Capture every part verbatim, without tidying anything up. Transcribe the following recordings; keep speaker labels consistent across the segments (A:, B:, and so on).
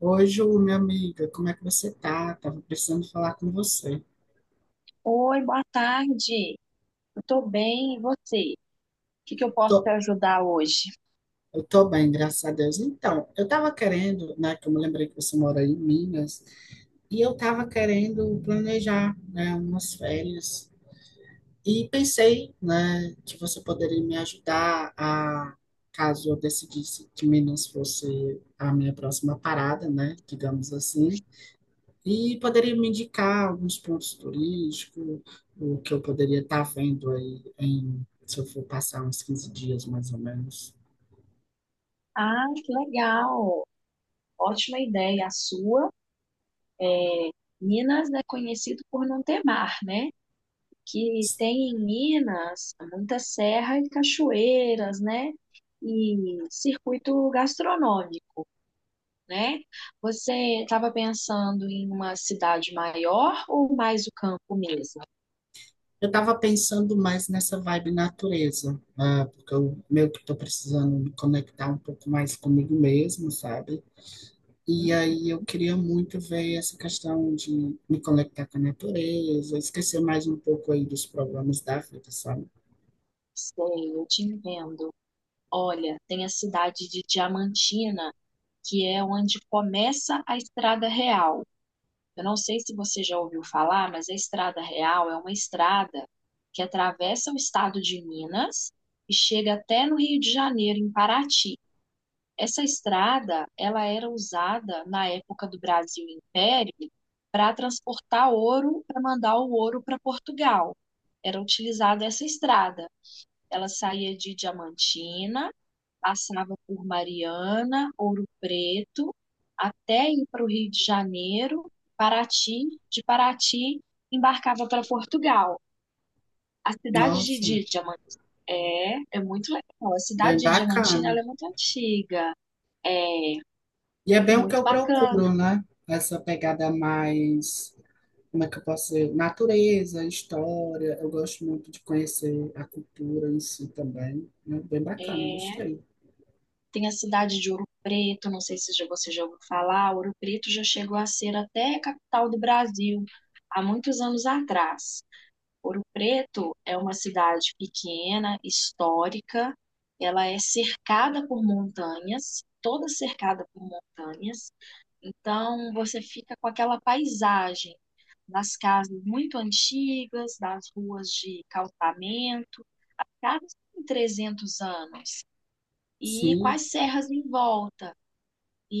A: Oi, Ju, minha amiga, como é que você tá? Tava precisando falar com você.
B: Oi, boa tarde. Eu tô bem, e você? O que que eu posso te
A: Tô,
B: ajudar hoje?
A: eu tô bem, graças a Deus. Então, eu tava querendo, né, que eu me lembrei que você mora aí em Minas, e eu tava querendo planejar, né, umas férias. E pensei, né, que você poderia me ajudar a, caso eu decidisse que Minas fosse a minha próxima parada, né, digamos assim. E poderia me indicar alguns pontos turísticos, o que eu poderia estar vendo aí em, se eu for passar uns quinze dias mais ou menos.
B: Ah, que legal. Ótima ideia a sua. Minas é conhecido por não ter mar, né? Que tem em Minas muita serra e cachoeiras, né? E circuito gastronômico, né? Você estava pensando em uma cidade maior ou mais o campo mesmo?
A: Eu estava pensando mais nessa vibe natureza, né? Porque eu meio que estou precisando me conectar um pouco mais comigo mesmo, sabe? E
B: Hum,
A: aí eu queria muito ver essa questão de me conectar com a natureza, esquecer mais um pouco aí dos problemas da vida, sabe?
B: Sei, eu te entendo. Olha, tem a cidade de Diamantina, que é onde começa a Estrada Real. Eu não sei se você já ouviu falar, mas a Estrada Real é uma estrada que atravessa o estado de Minas e chega até no Rio de Janeiro, em Paraty. Essa estrada, ela era usada na época do Brasil Império para transportar ouro, para mandar o ouro para Portugal. Era utilizada essa estrada. Ela saía de Diamantina, passava por Mariana, Ouro Preto, até ir para o Rio de Janeiro, Paraty, de Paraty embarcava para Portugal. A cidade de
A: Nossa,
B: Diamantina é, é muito legal. A cidade
A: bem
B: de Diamantina
A: bacana.
B: ela é muito antiga, é
A: E é bem o que
B: muito
A: eu
B: bacana.
A: procuro, né? Essa pegada mais, como é que eu posso dizer? Natureza, história. Eu gosto muito de conhecer a cultura em si também, né? Bem bacana,
B: É,
A: gostei.
B: tem a cidade de Ouro Preto, não sei se já- você já ouviu falar. Ouro Preto já chegou a ser até a capital do Brasil há muitos anos atrás. Ouro Preto é uma cidade pequena, histórica, ela é cercada por montanhas, toda cercada por montanhas, então você fica com aquela paisagem das casas muito antigas, das ruas de calçamento, casas com trezentos anos, e com
A: Sim,
B: as serras em volta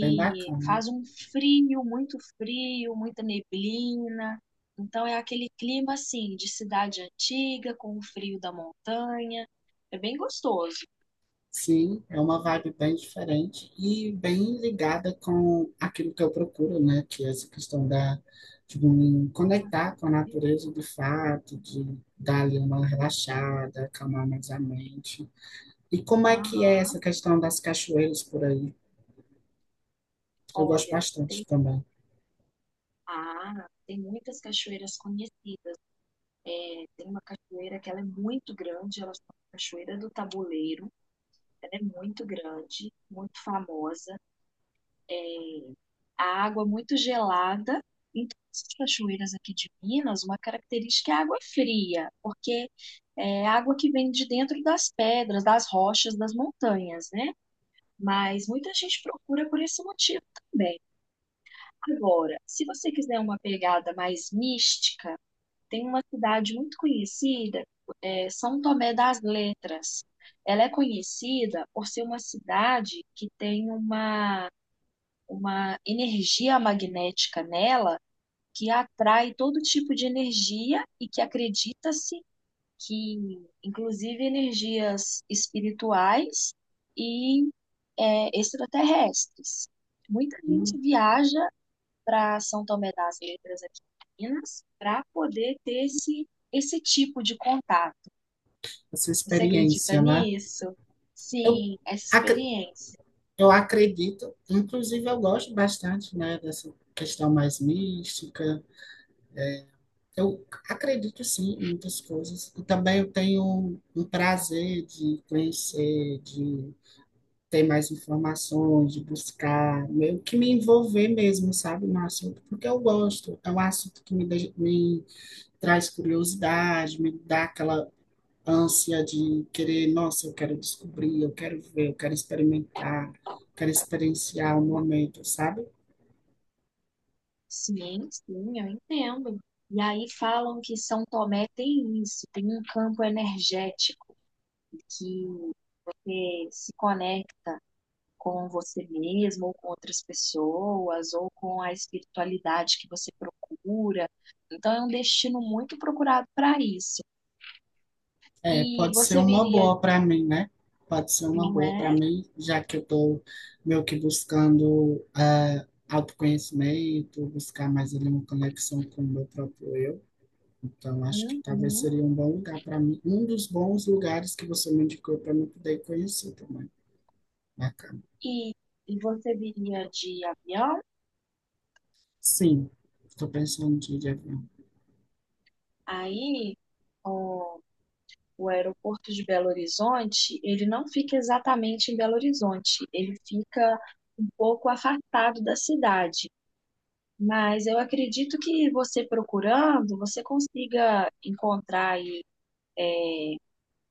A: bem bacana.
B: faz um frio, muito frio, muita neblina. Então é aquele clima assim de cidade antiga com o frio da montanha. É bem gostoso.
A: Sim, é uma vibe bem diferente e bem ligada com aquilo que eu procuro, né? Que é essa questão da, de me conectar com a natureza de fato, de dar ali uma relaxada, acalmar mais a mente. E como é que é essa
B: Aham.
A: questão das cachoeiras por aí? Eu gosto
B: Olha,
A: bastante
B: tem
A: também.
B: ah, tem muitas cachoeiras conhecidas. Tem uma cachoeira que ela é muito grande, ela chama Cachoeira do Tabuleiro. Ela é muito grande, muito famosa. É, a água muito gelada. Em todas as cachoeiras aqui de Minas, uma característica é a água fria, porque é água que vem de dentro das pedras, das rochas, das montanhas, né? Mas muita gente procura por esse motivo também. Agora, se você quiser uma pegada mais mística, tem uma cidade muito conhecida, é São Tomé das Letras. Ela é conhecida por ser uma cidade que tem uma, uma energia magnética nela que atrai todo tipo de energia e que acredita-se que, inclusive, energias espirituais e é, extraterrestres. Muita gente
A: Hum,
B: viaja para São Tomé das Letras aqui em Minas para poder ter esse, esse tipo de contato.
A: essa
B: Você acredita
A: experiência, né?
B: nisso?
A: Eu,
B: Sim, essa
A: ac-
B: experiência.
A: eu acredito, inclusive eu gosto bastante, né, dessa questão mais mística. Eu acredito sim em muitas coisas. E também eu tenho um prazer de conhecer, de ter mais informações, de buscar, meio que me envolver mesmo, sabe, no assunto, porque eu gosto. É um assunto que me, deixa- me traz curiosidade, me dá aquela ânsia de querer, nossa, eu quero descobrir, eu quero ver, eu quero experimentar, quero experienciar o momento, sabe?
B: Sim, sim, eu entendo. E aí falam que São Tomé tem isso, tem um campo energético que você se conecta com você mesmo, ou com outras pessoas, ou com a espiritualidade que você procura. Então, é um destino muito procurado para isso.
A: É,
B: E
A: pode ser
B: você
A: uma
B: viria,
A: boa para mim, né? Pode ser uma
B: não
A: boa para
B: é?
A: mim, já que eu estou meio que buscando ah, autoconhecimento, buscar mais ali uma conexão com o meu próprio eu. Então, acho que talvez
B: Uhum.
A: seria um bom lugar para mim, um dos bons lugares que você me indicou para mim poder conhecer também. Bacana.
B: E, e você viria de avião,
A: Sim, estou pensando de ir de avião.
B: aí o, o aeroporto de Belo Horizonte, ele não fica exatamente em Belo Horizonte, ele fica um pouco afastado da cidade. Mas eu acredito que você procurando, você consiga encontrar aí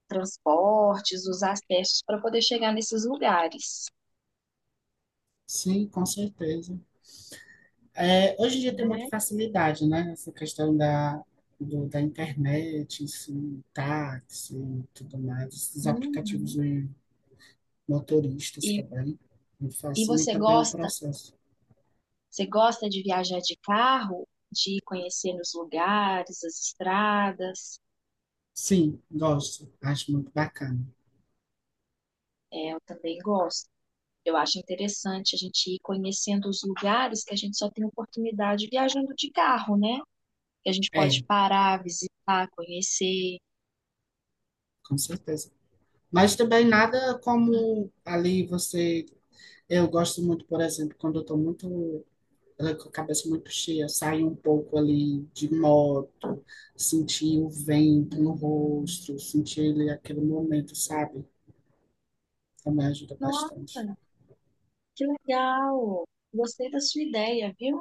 B: transportes, os acessos para poder chegar nesses lugares.
A: Sim, com certeza. É, hoje em dia tem muita facilidade, né? Essa questão da, do- da internet, assim, táxi e tudo mais, esses aplicativos
B: Uhum.
A: de motoristas
B: E,
A: também, me
B: e você
A: facilita bem o
B: gosta,
A: processo.
B: você gosta de viajar de carro, de conhecer os lugares, as estradas?
A: Sim, gosto, acho muito bacana.
B: É, eu também gosto. Eu acho interessante a gente ir conhecendo os lugares que a gente só tem oportunidade viajando de carro, né? Que a gente
A: É,
B: pode parar, visitar, conhecer.
A: com certeza. Mas também nada como ali você. Eu gosto muito, por exemplo, quando eu estou muito ela com a cabeça muito cheia, sair um pouco ali de moto, sentir o vento no
B: Hum,
A: rosto, sentir ele aquele momento, sabe? Também ajuda
B: Nossa.
A: bastante.
B: Que legal! Gostei da sua ideia, viu?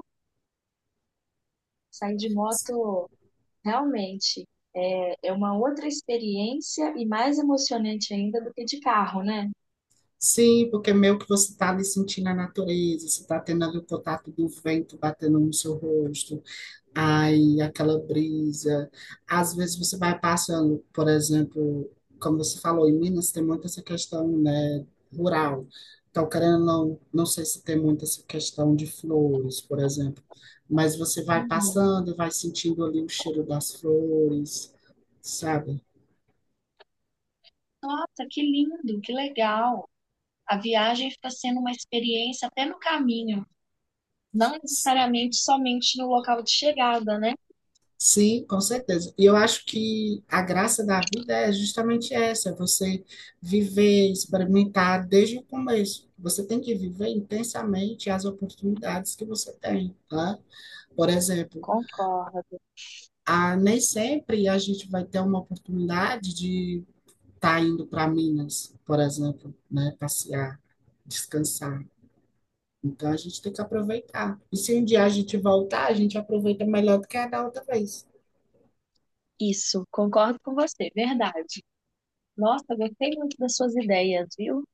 B: Sair de moto realmente é, é uma outra experiência e mais emocionante ainda do que de carro, né?
A: Sim, porque meio que você está ali sentindo a natureza, você está tendo ali o contato do vento batendo no seu rosto, ai, aquela brisa. Às vezes você vai passando, por exemplo, como você falou, em Minas tem muito essa questão, né, rural. Então, querendo ou não, não sei se tem muito essa questão de flores, por exemplo. Mas você vai
B: Uhum.
A: passando, e vai sentindo ali o cheiro das flores, sabe?
B: Nossa, que lindo, que legal! A viagem fica sendo uma experiência até no caminho, não necessariamente somente no local de chegada, né?
A: Sim, com certeza. E eu acho que a graça da vida é justamente essa, é você viver, experimentar desde o começo. Você tem que viver intensamente as oportunidades que você tem, tá? Por exemplo,
B: Concordo.
A: a, nem sempre a gente vai ter uma oportunidade de estar indo para Minas, por exemplo, né? Passear, descansar. Então a gente tem que aproveitar. E se um dia a gente voltar, a gente aproveita melhor do que a da outra vez.
B: Isso, concordo com você, verdade. Nossa, gostei muito das suas ideias, viu?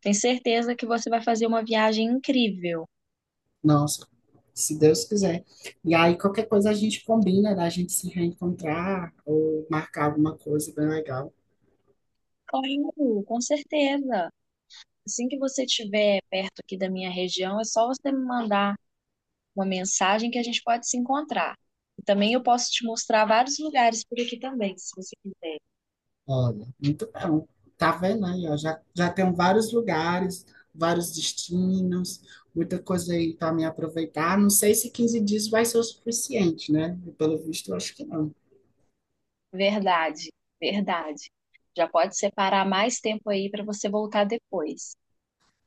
B: Tenho certeza que você vai fazer uma viagem incrível.
A: Nossa, se Deus quiser. E aí, qualquer coisa a gente combina da gente se reencontrar ou marcar alguma coisa bem legal.
B: Claro, com certeza. Assim que você estiver perto aqui da minha região, é só você me mandar uma mensagem que a gente pode se encontrar. E também eu posso te mostrar vários lugares por aqui também, se você quiser.
A: Olha, muito bom. Tá vendo aí, ó? Já, já tem vários lugares, vários destinos, muita coisa aí para me aproveitar. Não sei se quinze dias vai ser o suficiente, né? Pelo visto, eu acho que não.
B: Verdade, verdade. Já pode separar mais tempo aí para você voltar depois.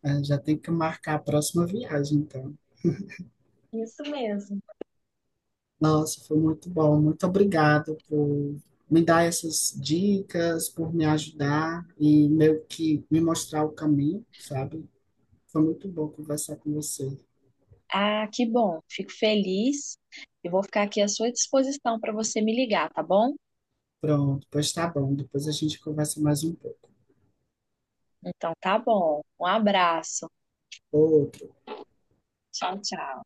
A: É, já tem que marcar a próxima viagem, então.
B: Isso mesmo.
A: Nossa, foi muito bom. Muito obrigado por me dar essas dicas, por me ajudar e meio que me mostrar o caminho, sabe? Foi muito bom conversar com você.
B: Ah, que bom. Fico feliz. Eu vou ficar aqui à sua disposição para você me ligar, tá bom?
A: Pronto, pois tá bom. Depois a gente conversa mais um pouco.
B: Então tá bom. Um abraço.
A: Outro.
B: Tchau, tchau.